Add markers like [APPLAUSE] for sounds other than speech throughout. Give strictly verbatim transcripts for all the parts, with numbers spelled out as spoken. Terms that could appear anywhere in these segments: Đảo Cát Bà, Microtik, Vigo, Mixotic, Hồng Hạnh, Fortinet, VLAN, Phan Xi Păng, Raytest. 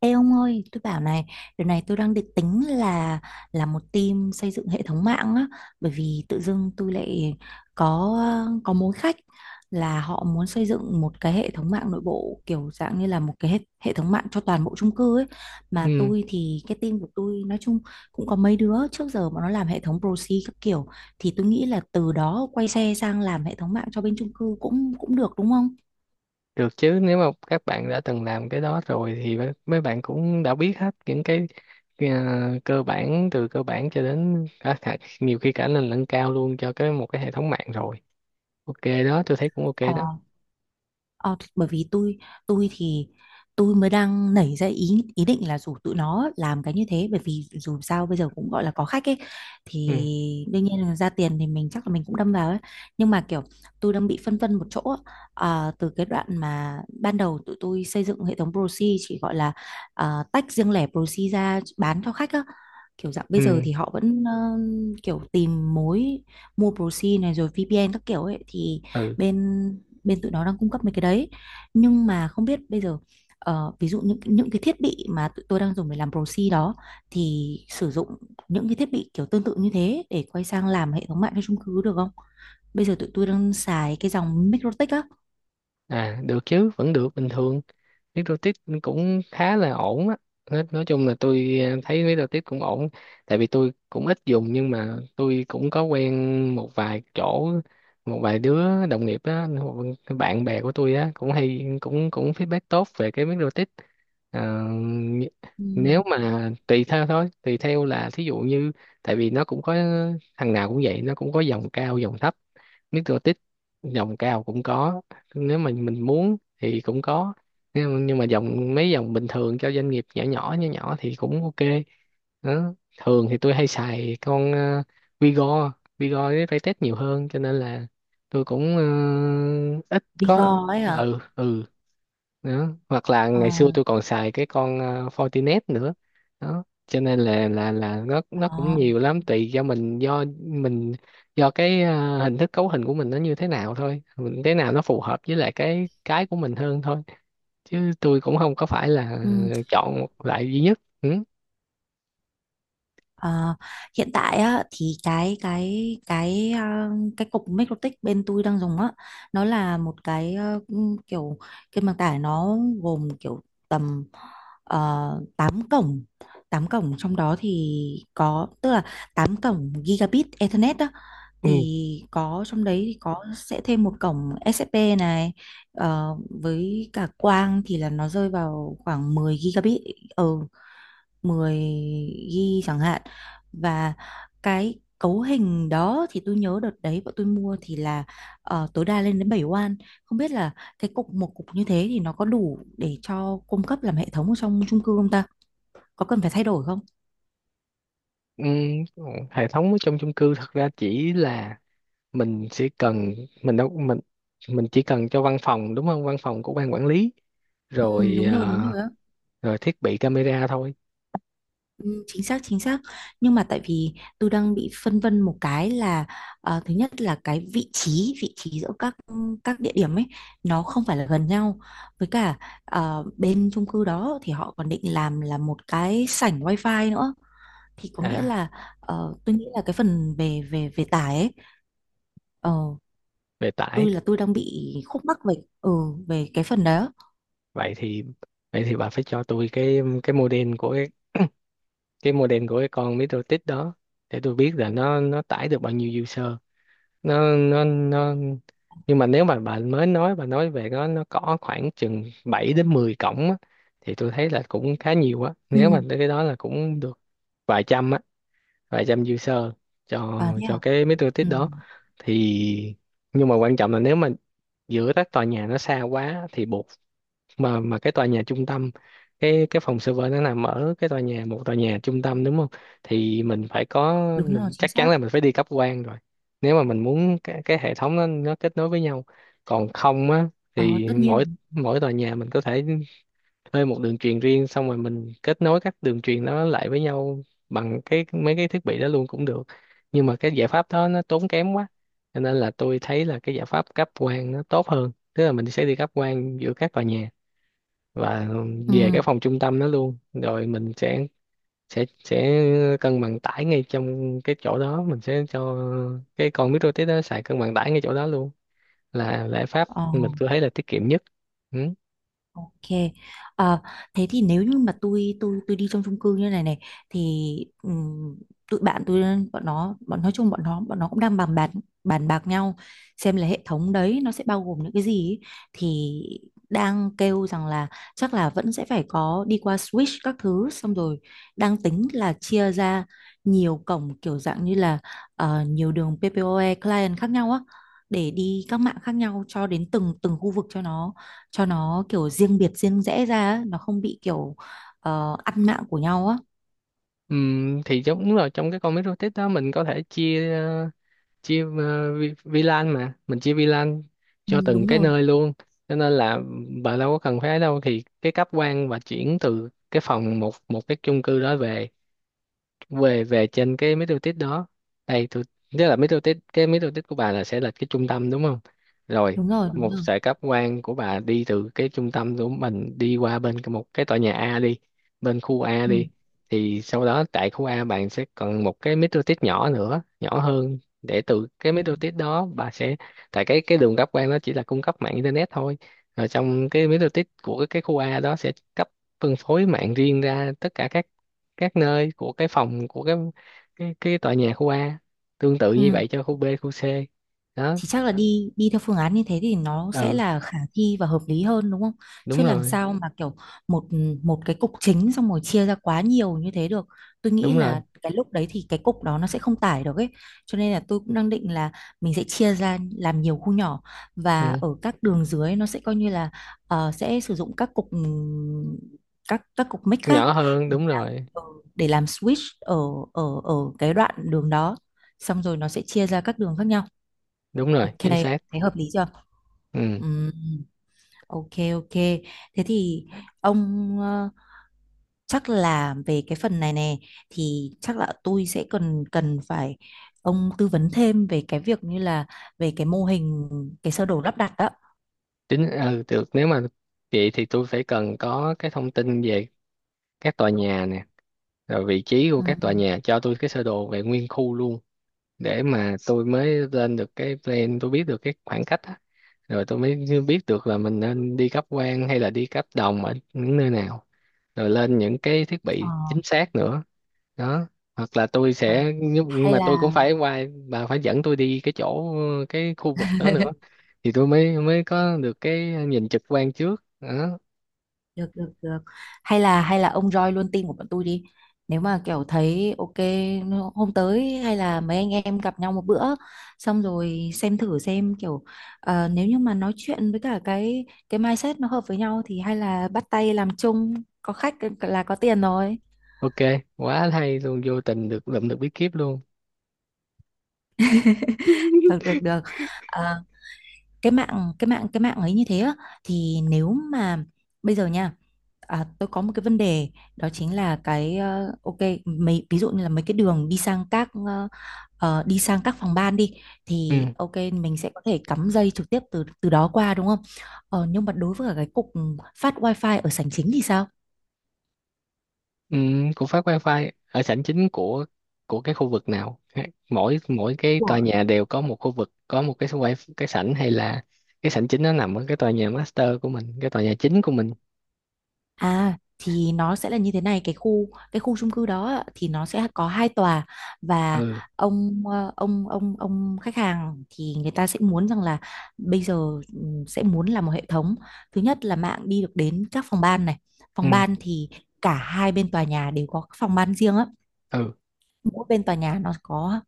Ê ông ơi, tôi bảo này, điều này tôi đang định tính là là một team xây dựng hệ thống mạng á, bởi vì tự dưng tôi lại có có mối khách là họ muốn xây dựng một cái hệ thống mạng nội bộ kiểu dạng như là một cái hệ, hệ thống mạng cho toàn bộ chung cư ấy. Mà Ừ, tôi thì cái team của tôi nói chung cũng có mấy đứa trước giờ mà nó làm hệ thống proxy các kiểu thì tôi nghĩ là từ đó quay xe sang làm hệ thống mạng cho bên chung cư cũng cũng được đúng không? Được chứ, nếu mà các bạn đã từng làm cái đó rồi thì mấy mấy bạn cũng đã biết hết những cái à, cơ bản, từ cơ bản cho đến cả, cả, nhiều khi cả lên lẫn cao luôn cho cái một cái hệ thống mạng rồi. Ok đó, tôi thấy cũng ok Ờ đó. Ờ, thì bởi vì tôi tôi thì tôi mới đang nảy ra ý ý định là rủ tụi nó làm cái như thế bởi vì dù sao bây giờ cũng gọi là có khách ấy thì ừ đương nhiên là ra tiền thì mình chắc là mình cũng đâm vào ấy nhưng mà kiểu tôi đang bị phân vân một chỗ á. Ờ, từ cái đoạn mà ban đầu tụi tôi xây dựng hệ thống proxy chỉ gọi là ờ, tách riêng lẻ proxy ra bán cho khách á, kiểu dạng bây giờ ừ thì họ vẫn ờ, kiểu tìm mối mua proxy này rồi vê pê en các kiểu ấy thì ừ bên bên tụi nó đang cung cấp mấy cái đấy. Nhưng mà không biết bây giờ, ờ, ví dụ những những cái thiết bị mà tụi tôi đang dùng để làm proxy đó thì sử dụng những cái thiết bị kiểu tương tự như thế để quay sang làm hệ thống mạng cho chung cư được không. Bây giờ tụi tôi đang xài cái dòng Mikrotik á. À, được chứ, vẫn được bình thường. Nước rô cũng khá là ổn á. Nói, nói chung là tôi ờ, thấy nước rô cũng ổn, tại vì tôi cũng ít dùng nhưng mà tôi cũng có quen một vài chỗ, một vài đứa đồng nghiệp á, một- bạn bè của tôi á cũng hay, cũng cũng feedback tốt về cái nước rô. Ờ, nh- Ừ. Nếu mà tùy theo thôi, tùy theo là thí dụ như, tại vì nó cũng có, thằng nào cũng vậy, nó cũng có dòng cao dòng thấp. Mixotic dòng cao cũng có, nếu mà mình muốn thì cũng có, nhưng mà nhưng mà dòng, mấy dòng bình thường cho doanh nghiệp nhỏ nhỏ nhỏ nhỏ thì cũng ok đó. Thường thì tôi hay xài con ờ, Vigo, Vigo với Raytest nhiều hơn, cho nên là tôi cũng ờ, ít có, Vigo ấy à? ừ ừ. Đó, hoặc là Ờ. ngày xưa tôi còn xài cái con ờ, Fortinet nữa đó. Cho nên là là là nó, nó cũng đó nhiều lắm, tùy do mình, do mình do cái ờ, hình thức cấu hình của mình nó như thế nào thôi, mình thế nào nó phù hợp với lại cái cái của mình hơn thôi. Chứ tôi cũng không có phải là ừ. chọn một loại duy nhất. Ừ. Ờ, hiện tại á, thì cái cái cái ờ, cái cục Mikrotik bên tôi đang dùng á, nó là một cái ờ, ừm, kiểu kênh bằng tải. Nó gồm kiểu tầm uh, tám cổng, tám cổng, trong đó thì có tức là tám cổng gigabit Ethernet đó. Ừ. Thì có trong đấy thì có sẽ thêm một cổng ét ép pê này, ờ, với cả quang thì là nó rơi vào khoảng mười gigabit, ừ, mười gi bi chẳng hạn. Và cái cấu hình đó thì tôi nhớ đợt đấy bọn tôi mua thì là, ờ, tối đa lên đến bảy oan. Không biết là cái cục một cục như thế thì nó có đủ để cho cung cấp làm hệ thống ở trong chung cư không ta, có cần phải thay đổi không? Ừ. Hệ thống ở trong chung cư thật ra chỉ là mình sẽ cần, mình đâu mình mình chỉ cần cho văn phòng, đúng không, văn phòng của ban quản lý, Ừ, rồi đúng rồi ờ, đúng rồi á. rồi thiết bị camera thôi. Ừ, chính xác chính xác. Nhưng mà tại vì tôi đang bị phân vân một cái là, ờ, thứ nhất là cái vị trí vị trí giữa các các địa điểm ấy nó không phải là gần nhau. Với cả ờ, bên chung cư đó thì họ còn định làm là một cái sảnh wifi nữa, thì có nghĩa À, là ờ, tôi nghĩ là cái phần về về về tải ấy, ờ, về tải. tôi là tôi đang bị khúc mắc về, ừ, về cái phần đó. Vậy thì, vậy thì bà phải cho tôi cái cái model của cái cái model của cái con MetroTik đó, để tôi biết là nó nó tải được bao nhiêu user. Nó nó nó Nhưng mà nếu mà bà mới nói, bà nói về nó nó có khoảng chừng bảy đến mười cổng á, thì tôi thấy là cũng khá nhiều á, nếu mà Ừ. tới cái đó là cũng được. Vài trăm á, vài trăm user cho À thế cho à. cái MetroTik Ừ. đó. Thì, nhưng mà quan trọng là nếu mà giữa các tòa nhà nó xa quá thì buộc, mà mà cái tòa nhà trung tâm, cái cái phòng server nó nằm ở cái tòa nhà, một tòa nhà trung tâm, đúng không, thì mình phải có, Đúng rồi, mình chính chắc chắn xác. là mình phải đi cấp quang rồi, nếu mà mình muốn cái, cái hệ thống nó nó kết nối với nhau. Còn không á Ờ, thì tất mỗi nhiên. mỗi tòa nhà mình có thể thuê một đường truyền riêng, xong rồi mình kết nối các đường truyền đó lại với nhau bằng cái mấy cái thiết bị đó luôn cũng được, nhưng mà cái giải pháp đó nó tốn kém quá. Cho nên là tôi thấy là cái giải pháp cấp quang nó tốt hơn, tức là mình sẽ đi cấp quang giữa các tòa nhà và Ừ. về cái phòng trung tâm đó luôn, rồi mình sẽ sẽ sẽ cân bằng tải ngay trong cái chỗ đó, mình sẽ cho cái con micro:tik đó xài cân bằng tải ngay chỗ đó luôn, là giải pháp Ờ. mình tôi thấy là tiết kiệm nhất. Ừ. Ok. Ờ, thế thì nếu như mà tôi tôi tôi đi trong chung cư như này này thì, ừm, tụi bạn tôi, bọn nó bọn nói chung bọn nó bọn nó cũng đang bàn bạc bàn bạc nhau xem là hệ thống đấy nó sẽ bao gồm những cái gì ấy. Thì đang kêu rằng là chắc là vẫn sẽ phải có đi qua switch các thứ, xong rồi đang tính là chia ra nhiều cổng, kiểu dạng như là ờ, nhiều đường pê pê ô e client khác nhau á, để đi các mạng khác nhau cho đến từng từng khu vực, cho nó cho nó kiểu riêng biệt riêng rẽ ra á, nó không bị kiểu ờ, ăn mạng của nhau á. Ừm, thì giống, đúng rồi, trong cái con micro:tik đó mình có thể chia ờ, chia ờ, vi- vi lan, mà mình chia vi lan Ừ, cho từng đúng cái rồi nơi luôn. Cho nên là bà đâu có cần phải ấy đâu, thì cái cáp quang và chuyển từ cái phòng, một một cái chung cư đó về về về trên cái middle test đó. Đây tôi, tức là middle test, cái middle test của bà là sẽ là cái trung tâm đúng không, rồi đúng rồi đúng một rồi. sợi cáp quang của bà đi từ cái trung tâm của mình đi qua bên cái- một cái tòa nhà A đi, bên khu A Ừ. đi, thì sau đó tại khu A bạn sẽ còn một cái middle test nhỏ nữa, nhỏ hơn, để từ cái Ừ. middle test đó bà sẽ, tại cái cái đường cáp quang nó chỉ là cung cấp mạng internet thôi, rồi trong cái middle test của cái khu A đó sẽ cấp, phân phối mạng riêng ra tất cả các các nơi của cái phòng, của cái cái cái tòa nhà khu A, tương tự Ừ. như vậy cho khu B khu C đó. Thì chắc là đi đi theo phương án như thế thì nó sẽ Ừ. là khả thi và hợp lý hơn đúng không? Chứ đúng làm rồi sao, ừ, mà kiểu một một cái cục chính xong rồi chia ra quá nhiều như thế được. Tôi nghĩ Đúng rồi. là cái lúc đấy thì cái cục đó nó sẽ không tải được ấy. Cho nên là tôi cũng đang định là mình sẽ chia ra làm nhiều khu nhỏ, và Ừ. ở các đường dưới nó sẽ coi như là ờ, sẽ sử dụng các cục, ừm, các các cục mic khác Nhỏ hơn, để đúng làm, rồi. ờ, để làm switch ở ở ở cái đoạn đường đó. Xong rồi nó sẽ chia ra các đường khác nhau. Đúng rồi, Ok, chính xác. thấy hợp lý chưa? Ừ. Ừm, ok ok. Thế thì ông, ờ, chắc là về cái phần này nè thì chắc là tôi sẽ cần cần phải ông tư vấn thêm về cái việc như là về cái mô hình, cái sơ đồ lắp đặt đó. Chính, ừ, được nếu mà, vậy thì tôi phải cần có cái thông tin về các tòa nhà nè, rồi vị trí của các tòa Ừm. nhà, cho tôi cái sơ đồ về nguyên khu luôn, để mà tôi mới lên được cái plan, tôi biết được cái khoảng cách á, rồi tôi mới biết được là mình nên đi cáp quang hay là đi cáp đồng ở những nơi nào, rồi lên những cái thiết Ờ. bị chính xác nữa. Đó, hoặc là tôi Ờ. sẽ, nhưng nhưng Hay mà tôi cũng là phải qua, bà phải dẫn tôi đi cái chỗ, cái khu vực đó nữa, [LAUGHS] thì tôi mới mới có được cái nhìn trực quan trước đó. được được được, hay là hay là ông join luôn team của bọn tôi đi, nếu mà kiểu thấy ok. Hôm tới hay là mấy anh em gặp nhau một bữa xong rồi xem thử xem kiểu ờ, nếu như mà nói chuyện với cả cái cái mindset nó hợp với nhau thì hay là bắt tay làm chung, có khách ờ, là có tiền rồi. Ok, quá hay luôn, vô tình được lượm được bí kíp luôn. Được được [LAUGHS] được. Ờ, cái mạng cái mạng cái mạng ấy như thế á, thì nếu mà bây giờ nha. À, tôi có một cái vấn đề, đó chính là cái, ờ, ok, mấy ví dụ như là mấy cái đường đi sang các, ờ, ờ, đi sang các phòng ban đi, thì Ừ. ok mình sẽ có thể cắm dây trực tiếp từ từ đó qua đúng không? Ờ, nhưng mà đối với cả cái cục phát wifi ở sảnh chính thì sao? Ừ. Của phát wifi ở sảnh chính của của cái khu vực nào, mỗi mỗi cái tòa nhà đều có một khu vực có một cái wifi, cái sảnh, hay là cái sảnh chính nó nằm ở cái tòa nhà master của mình, cái tòa nhà chính của mình. À thì nó sẽ là như thế này, cái khu cái khu chung cư đó ạ, thì nó sẽ có hai tòa. Và Ừ. ông, ờ, ông ông ông khách hàng thì người ta sẽ muốn rằng là bây giờ, ừm, sẽ muốn là một hệ thống. Thứ nhất là mạng đi được đến các phòng ban này, Ừ, phòng ban thì cả hai bên tòa nhà đều có các phòng ban riêng á, ừ, mỗi bên tòa nhà nó có,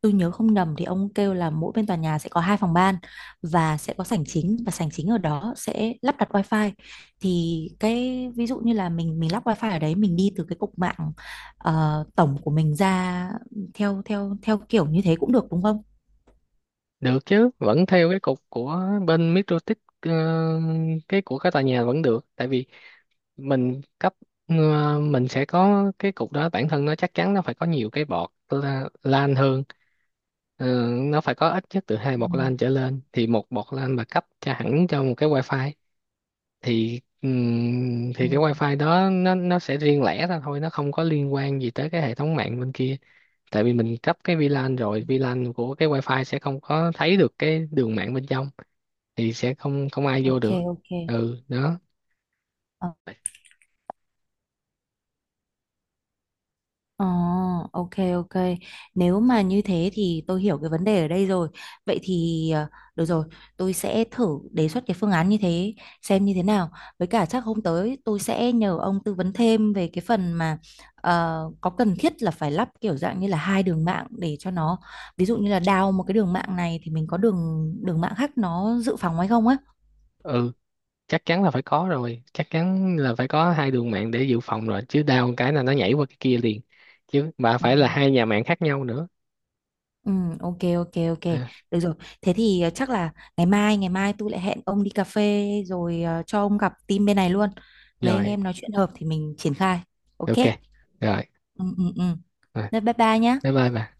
tôi nhớ không nhầm thì ông kêu là mỗi bên tòa nhà sẽ có hai phòng ban, và sẽ có sảnh chính và sảnh chính ở đó sẽ lắp đặt wifi. Thì cái ví dụ như là mình mình lắp wifi ở đấy, mình đi từ cái cục mạng ờ, tổng của mình ra theo theo theo kiểu như thế cũng được đúng không? được chứ, vẫn theo cái cục của bên Microtik, ờ, cái của cái tòa nhà vẫn được. Tại vì mình cấp, ờ, mình sẽ có cái cục đó, bản thân nó chắc chắn nó phải có nhiều cái bọt, la- lan hơn. Ờ, nó phải có ít nhất từ hai Ừ, bọt lan trở lên, thì một bọt lan mà cấp cho hẳn cho một cái wifi, thì ừm, ừ. thì cái wifi đó nó nó sẽ riêng lẻ ra thôi, nó không có liên quan gì tới cái hệ thống mạng bên kia. Tại vì mình cấp cái vi lan, rồi vi lan của cái wifi sẽ không có thấy được cái đường mạng bên trong, thì sẽ không không ai vô Ok được. ok. Ừ, đó. Ờ, ok ok. Nếu mà như thế thì tôi hiểu cái vấn đề ở đây rồi. Vậy thì, ờ, được rồi, tôi sẽ thử đề xuất cái phương án như thế xem như thế nào. Với cả chắc hôm tới tôi sẽ nhờ ông tư vấn thêm về cái phần mà, ờ, có cần thiết là phải lắp kiểu dạng như là hai đường mạng để cho nó ví dụ như là đào một cái đường mạng này thì mình có đường đường mạng khác nó dự phòng hay không á. Ừ, chắc chắn là phải có rồi, chắc chắn là phải có hai đường mạng để dự phòng rồi, chứ đau một cái là nó nhảy qua cái kia liền, chứ mà Ừ. phải là hai nhà mạng khác nhau nữa. Ừ, ok ok ok, À, được rồi. Thế thì, ờ, chắc là ngày mai ngày mai tôi lại hẹn ông đi cà phê, rồi ờ, cho ông gặp team bên này luôn, mấy anh rồi, em nói chuyện hợp thì mình triển khai. Ok. ok, rồi, Ừ ừ ừ. rồi. Thế bye bye nhá. Bye bye bà.